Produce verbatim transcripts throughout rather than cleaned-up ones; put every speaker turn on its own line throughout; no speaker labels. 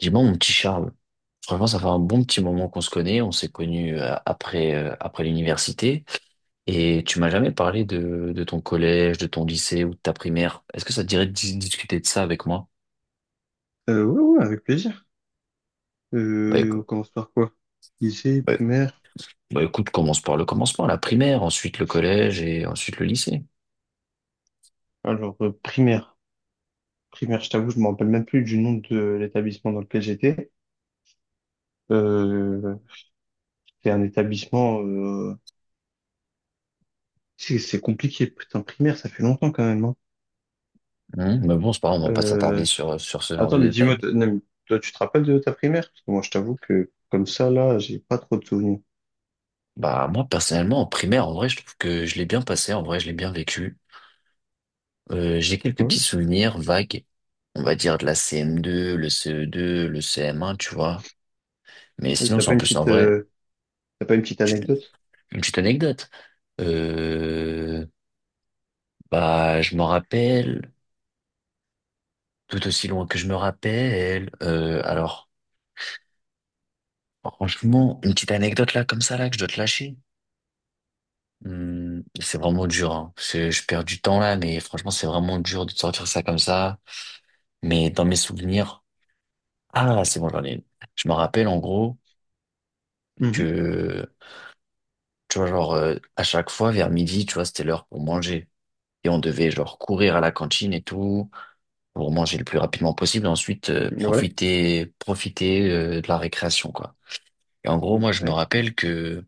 Dis-moi, mon petit Charles, franchement, ça fait un bon petit moment qu'on se connaît. On s'est connus euh, après, euh, après l'université. Et tu m'as jamais parlé de, de ton collège, de ton lycée ou de ta primaire. Est-ce que ça te dirait de dis- discuter de ça avec moi?
Euh, ouais, ouais, avec plaisir.
Bah,
Euh, on
écou-
commence par quoi? Lycée,
bah,
primaire.
bah, écoute, commence par le commencement, la primaire, ensuite le collège et ensuite le lycée.
Alors, euh, primaire. Primaire, je t'avoue, je me rappelle même plus du nom de l'établissement dans lequel j'étais. Euh, c'était un établissement... euh, C'est c'est compliqué, putain, primaire, ça fait longtemps quand même, hein.
Hein. Mais bon, c'est pas grave, on va pas s'attarder
Euh,
sur, sur ce genre de
Attends, mais dis-moi,
détails.
t- non, mais toi, tu te rappelles de ta primaire? Parce que moi, je t'avoue que comme ça, là, j'ai pas trop de souvenirs.
Bah, moi, personnellement, en primaire, en vrai, je trouve que je l'ai bien passé. En vrai, je l'ai bien vécu. Euh, j'ai quelques petits
Hein.
souvenirs vagues, on va dire, de la C M deux, le C E deux, le C M un, tu vois. Mais
Et
sinon,
t'as
c'est
pas
en
une
plus en
petite,
vrai,
euh, t'as pas une petite
tu-
anecdote?
une petite anecdote. Euh, bah, je m'en rappelle, tout aussi loin que je me rappelle. Euh, alors, franchement, une petite anecdote là, comme ça, là, que je dois te lâcher. Hum, c'est vraiment dur, hein. C'est- Je perds du temps là, mais franchement, c'est vraiment dur de te sortir ça comme ça. Mais dans mes souvenirs, ah, c'est bon, j'en ai une. Je me rappelle en gros que tu vois, genre, euh, à chaque fois, vers midi, tu vois, c'était l'heure pour manger. Et on devait, genre, courir à la cantine et tout, pour manger le plus rapidement possible. Ensuite, euh,
Ouais.
profiter, profiter, euh, de la récréation, quoi. Et en gros, moi, je me
Ouais.
rappelle que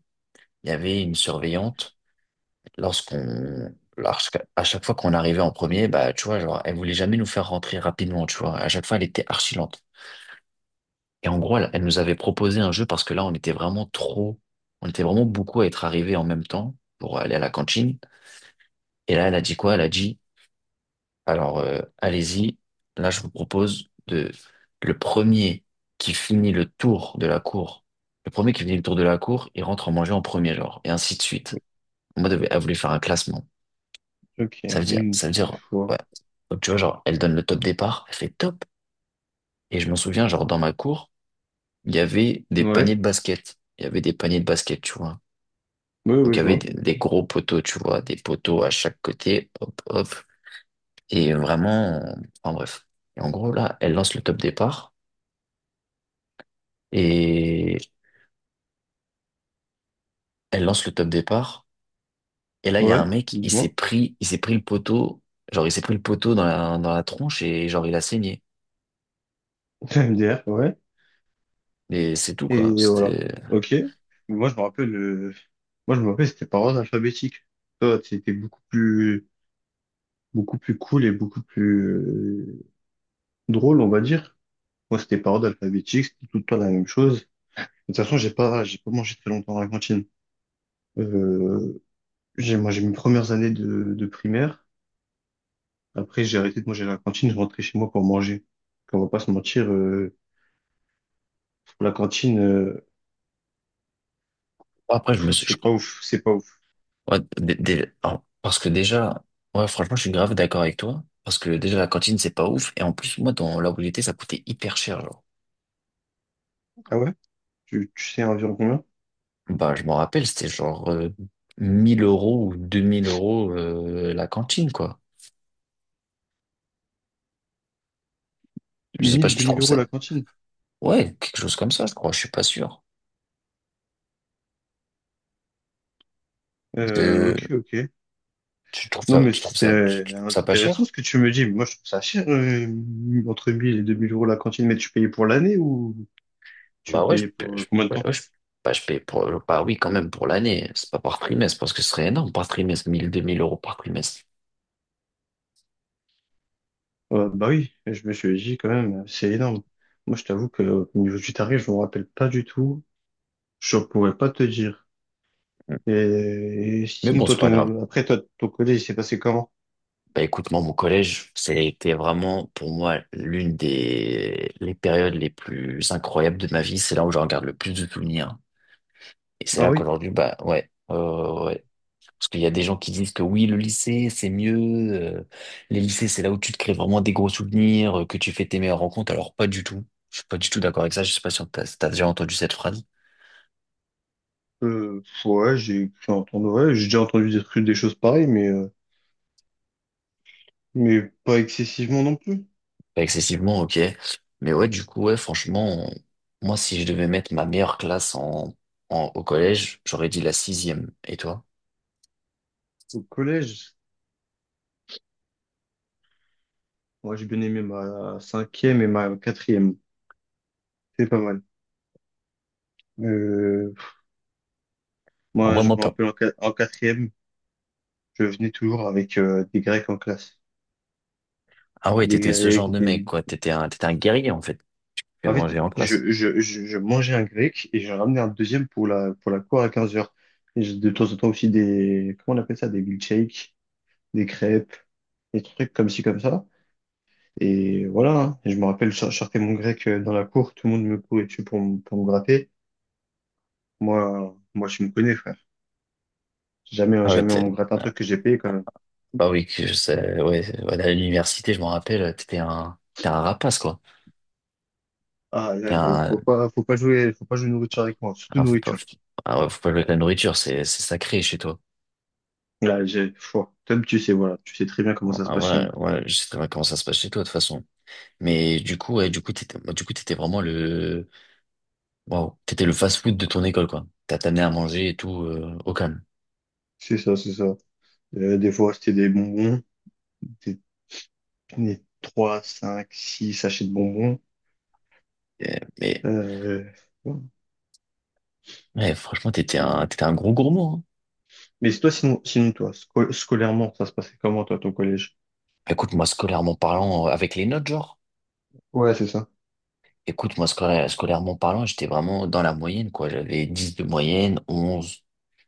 il y avait une surveillante, lorsqu'on, lorsqu'à- à chaque fois qu'on arrivait en premier, bah, tu vois, genre, elle voulait jamais nous faire rentrer rapidement, tu vois. À chaque fois, elle était archi lente. Et en gros, elle, elle nous avait proposé un jeu parce que là, on était vraiment trop, on était vraiment beaucoup à être arrivés en même temps pour aller à la cantine. Et là, elle a dit quoi? Elle a dit, alors, euh, allez-y, là, je vous propose de, le premier qui finit le tour de la cour, le premier qui finit le tour de la cour, il rentre en manger en premier, genre, et ainsi de suite. En mode, elle voulait faire un classement.
Ok.
Ça veut dire,
Hmm,
ça veut
je
dire,
vois.
ouais. Donc, tu vois, genre, elle donne le top départ, elle fait top. Et je m'en souviens, genre, dans ma cour, il y avait des paniers
Ouais.
de basket. Il y avait des paniers de basket, tu vois.
Oui,
Donc,
oui,
il y
je
avait
vois.
des, des gros poteaux, tu vois, des poteaux à chaque côté, hop, hop. Et vraiment, en bref. Et en gros, là, elle lance le top départ. Et elle lance le top départ. Et là, il y a un
Ouais.
mec, il s'est
Dis-moi.
pris, il s'est pris le poteau. Genre, il s'est pris le poteau dans la, dans la tronche et genre, il a saigné.
M D R, ouais.
Et c'est tout, quoi.
Et voilà.
C'était,
Ok. Moi, je me rappelle, euh, moi, je me rappelle, c'était par ordre alphabétique. Toi, c'était beaucoup plus, beaucoup plus cool et beaucoup plus euh, drôle, on va dire. Moi, c'était par ordre alphabétique, c'était tout le temps la même chose. De toute façon, j'ai pas, j'ai pas mangé très longtemps à la cantine. Euh, j'ai, Moi, j'ai mes premières années de, de primaire. Après, j'ai arrêté de manger à la cantine, je rentrais chez moi pour manger. On va pas se mentir, euh, la cantine, euh,
bon, après, je
pff,
me suis, je-
c'est pas ouf, c'est pas ouf.
ouais, dé- dé- alors, parce que déjà, ouais, franchement, je suis grave d'accord avec toi. Parce que déjà, la cantine, c'est pas ouf. Et en plus, moi, dans là où j'étais, ça coûtait hyper cher, genre.
Ah ouais? Tu, tu sais environ combien?
Bah, je m'en rappelle, c'était genre, euh, mille euros ou deux mille euros, euh, la cantine, quoi. Je sais pas
mille
si
deux
tu
mille
trouves
euros
ça.
la cantine.
Ouais, quelque chose comme ça, je crois. Je suis pas sûr.
Euh,
Euh,
ok, ok.
tu trouves
Non,
ça,
mais
tu trouves ça, tu,
c'est
tu trouves ça pas
intéressant
cher?
ce que tu me dis. Moi, je trouve ça cher, euh, entre mille et deux mille euros la cantine. Mais tu payais pour l'année ou tu
Bah ouais, je,
payais
paie-
pour
je,
euh, combien de
ouais,
temps?
ouais, je, bah, je paye pour, bah oui, quand même pour l'année. C'est pas par trimestre parce que ce serait énorme par trimestre, mille deux mille euros par trimestre.
Euh, bah oui, je me suis dit quand même, c'est énorme. Moi, je t'avoue que au niveau du tarif, je me rappelle pas du tout. Je pourrais pas te dire.
Mm.
Et, et
Mais
sinon,
bon,
toi,
c'est pas grave.
ton, après, toi, ton collège, il s'est passé comment?
Bah écoute, moi, mon collège, c'était vraiment pour moi l'une des les périodes les plus incroyables de ma vie. C'est là où je regarde le plus de souvenirs. Et c'est
Ah
là
oui?
qu'aujourd'hui, bah ouais, ouais, ouais, ouais. Parce qu'il y a des gens qui disent que oui, le lycée, c'est mieux. euh, les lycées, c'est là où tu te crées vraiment des gros souvenirs, euh, que tu fais tes meilleures rencontres. Alors, pas du tout. Je suis pas du tout d'accord avec ça. Je sais pas si on t'a- si t'as déjà entendu cette phrase.
Euh, ouais, j'ai j'ai entendu, ouais, j'ai déjà entendu des trucs, des choses pareilles, mais, euh, mais pas excessivement non plus.
Pas excessivement, ok. Mais ouais, du coup, ouais, franchement, on- moi, si je devais mettre ma meilleure classe en, en- au collège, j'aurais dit la sixième. Et toi?
Au collège, moi, j'ai bien aimé ma cinquième et ma quatrième. C'est pas mal. Euh,
En
Moi, je
vraiment
me
pas.
rappelle en qua- en quatrième, je venais toujours avec euh, des Grecs en classe.
Ah ouais,
Des
t'étais ce genre
Grecs,
de
des,
mec, quoi. T'étais un, t'étais un guerrier, en fait. Tu
en fait,
manger en classe.
je, je, je, je mangeais un grec et j'en ramenais un deuxième pour la, pour la cour à 15 heures. Et j'ai de temps en temps aussi des, comment on appelle ça, des milkshakes, des crêpes, des trucs comme ci, comme ça. Et voilà, hein. Et je me rappelle, je je sortais mon grec euh, dans la cour, tout le monde me courait dessus pour, me- pour me gratter. Moi, moi, je me connais, frère. Jamais,
Ah ouais,
jamais on
t'es-
me gratte un truc que j'ai payé quand même.
bah oui, que je sais, ouais, ouais, à l'université, je m'en rappelle, t'étais un, t'étais un rapace, quoi.
Ah, là, faut, faut
Un,
pas, faut pas jouer, faut pas jouer nourriture avec moi, surtout
un- Faut pas,
nourriture.
ah ouais, faut pas jouer avec la nourriture, c'est c'est sacré chez toi.
Là, j'ai, faut, Tom, tu sais, voilà, tu sais très bien comment ça se
Ah
passe chez
ouais,
moi.
ouais, je sais très bien comment ça se passe chez toi de toute façon. Mais du coup, ouais, du coup, t'étais, du coup, t'étais vraiment le, waouh, t'étais le fast-food de ton école, quoi. T'as t'amené à manger et tout, euh, au calme.
C'est ça, c'est ça. Euh, des fois, c'était des bonbons, des, des trois, cinq, six sachets de bonbons.
Et- mais,
Euh, voilà.
ouais, franchement, t'étais un, t'étais un gros gourmand, hein.
Mais c'est toi, sinon, sinon toi, sco- scolairement, ça se passait comment, toi, ton collège?
Écoute, moi, scolairement parlant, euh, avec les notes, genre,
Ouais, c'est ça.
écoute, moi, scola- scolairement parlant, j'étais vraiment dans la moyenne, quoi. J'avais dix de moyenne, onze,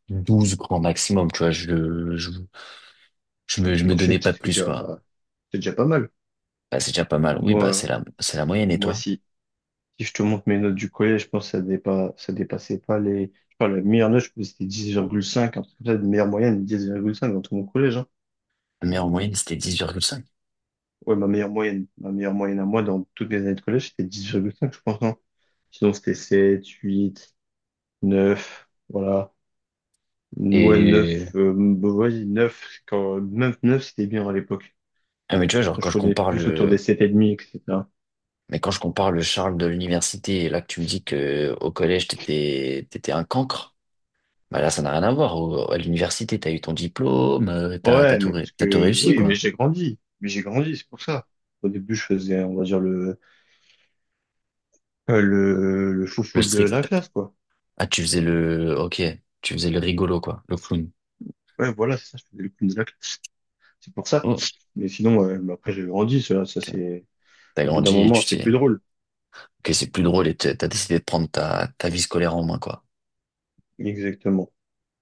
douze grand maximum, tu vois, je, je, je me, je me
Bon,
donnais
c'est
pas
c'est
plus, quoi.
déjà, c'est déjà pas mal.
Bah, c'est déjà pas mal. Oui, bah, c'est
Moi,
la, c'est la moyenne, et
moi
toi?
aussi. Si je te montre mes notes du collège, je pense que ça dépa, ça dépassait pas les. Je parle la meilleure note, je pense que c'était dix virgule cinq, un truc comme ça, de meilleure moyenne, dix virgule cinq dans tout mon collège, hein.
La meilleure moyenne, c'était dix virgule cinq.
Ouais, ma meilleure moyenne, ma meilleure moyenne à moi dans toutes mes années de collège, c'était dix virgule cinq, je pense, hein. Sinon, c'était sept, huit, neuf, voilà. Ouais,
Et,
neuf, euh, bah, vas-y, neuf, quand, même neuf, c'était bien à l'époque.
ah, mais tu vois, genre, quand
Je
je
connais
compare
plus autour des
le,
sept et demi, et cetera.
mais quand je compare le Charles de l'université, et là, que tu me dis que au collège, t'étais, t'étais un cancre, bah, là, ça n'a rien à voir. Au- à l'université, t'as eu ton diplôme, euh, t'as, t'as
Ouais,
tout,
mais
ré-
parce
t'as tout
que,
réussi,
oui, mais
quoi.
j'ai grandi. Mais j'ai grandi, c'est pour ça. Au début, je faisais, on va dire, le, euh, le, le
Le
foufou de
strict,
la classe, quoi.
ah, tu faisais le, ok, tu faisais le rigolo, quoi, le clown.
Ouais, voilà, c'est ça, je faisais le clown de la classe. C'est pour ça.
Oh,
Mais sinon, ouais, mais après, j'ai grandi, ça, ça,
ok.
c'est,
T'as
au bout d'un
grandi et
moment,
tu
c'est
t'es,
plus drôle.
ok, c'est plus drôle et t'as t'as décidé de prendre ta, ta vie scolaire en main, quoi.
Exactement.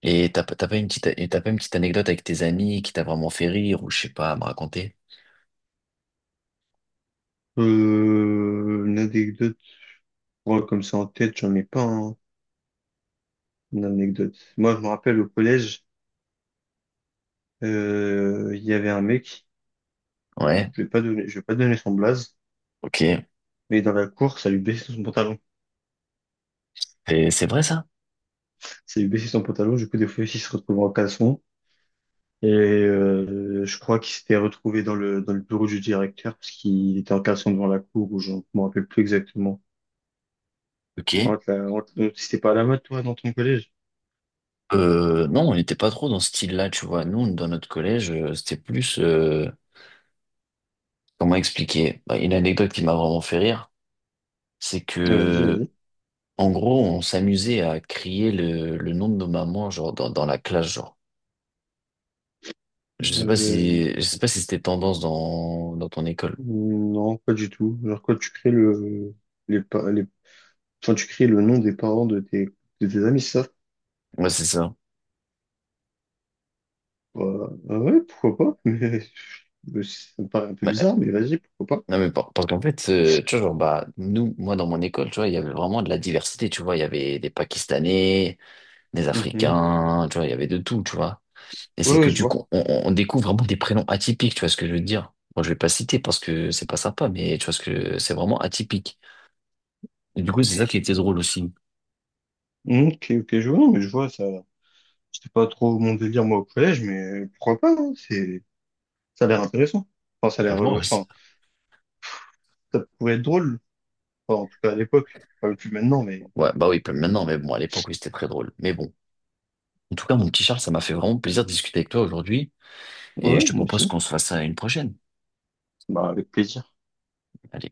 Et t'as, pas- t'as pas une petite, et t'as pas une petite anecdote avec tes amis qui t'a vraiment fait rire ou je sais pas à me raconter?
Euh, une anecdote, ouais, comme ça en tête, j'en ai pas, hein. Une anecdote. Moi, je me rappelle au collège, euh, il y avait un mec,
Ouais,
je vais pas donner, je vais pas donner son blaze,
ok.
mais dans la cour, ça lui baissait son pantalon.
Et c'est vrai ça?
Ça lui baissait son pantalon, du coup, des fois, il se retrouvait en caleçon. Et euh, je crois qu'il s'était retrouvé dans le, dans le bureau du directeur, parce qu'il était en caleçon devant la cour, ou je ne me rappelle plus exactement. On
Ok.
te l'a- on te- on- C'était pas à la mode, toi, dans ton collège?
Euh, non, on n'était pas trop dans ce style-là, tu vois. Nous, dans notre collège, euh, c'était plus... euh, comment expliquer? Bah, une anecdote qui m'a vraiment fait rire, c'est
Vas-y,
que,
vas-y.
en gros, on s'amusait à crier le, le nom de nos mamans, genre, dans, dans la classe, genre. Je sais pas
Euh,
si, je sais pas si c'était tendance dans, dans ton école.
non, pas du tout. Alors, quand tu crées le, les, pa- les, enfin, tu crées le nom des parents de tes, de tes amis, c'est ça?
Ouais, c'est ça.
Bah, ah ouais, pourquoi pas? Mais, ça me paraît un peu
Mais-
bizarre, mais vas-y, pourquoi pas?
non, mais par- Parce qu'en fait, euh, tu vois, genre, bah, nous, moi, dans mon école, tu vois, il y avait vraiment de la diversité, tu vois. Il y avait des Pakistanais, des
Mhm.
Africains, tu vois, il y avait de tout, tu vois. Et
Ouais,
c'est que
ouais, je
du
vois.
coup, on, on on découvre vraiment des prénoms atypiques, tu vois ce que je veux dire. Moi, je vais pas citer parce que c'est pas sympa, mais tu vois ce que c'est vraiment atypique. Et du coup, c'est ça qui était drôle aussi.
Mm, ok, ok, je vois, non, mais je vois, ça, c'était pas trop mon délire, moi, au collège, mais pourquoi pas, hein, c'est, ça a l'air intéressant. Enfin, ça a l'air, euh,
Franchement, ouais, c'est-
enfin, ça pourrait être drôle. Enfin, en tout cas à l'époque, enfin, plus maintenant, mais
ouais, bah oui, maintenant, mais bon, à l'époque, oui, c'était très drôle. Mais bon. En tout cas, mon petit Charles, ça m'a fait vraiment plaisir de discuter avec toi aujourd'hui. Et
ouais,
je te
moi
propose
aussi.
qu'on se fasse ça à une prochaine.
Bah, avec plaisir.
Allez.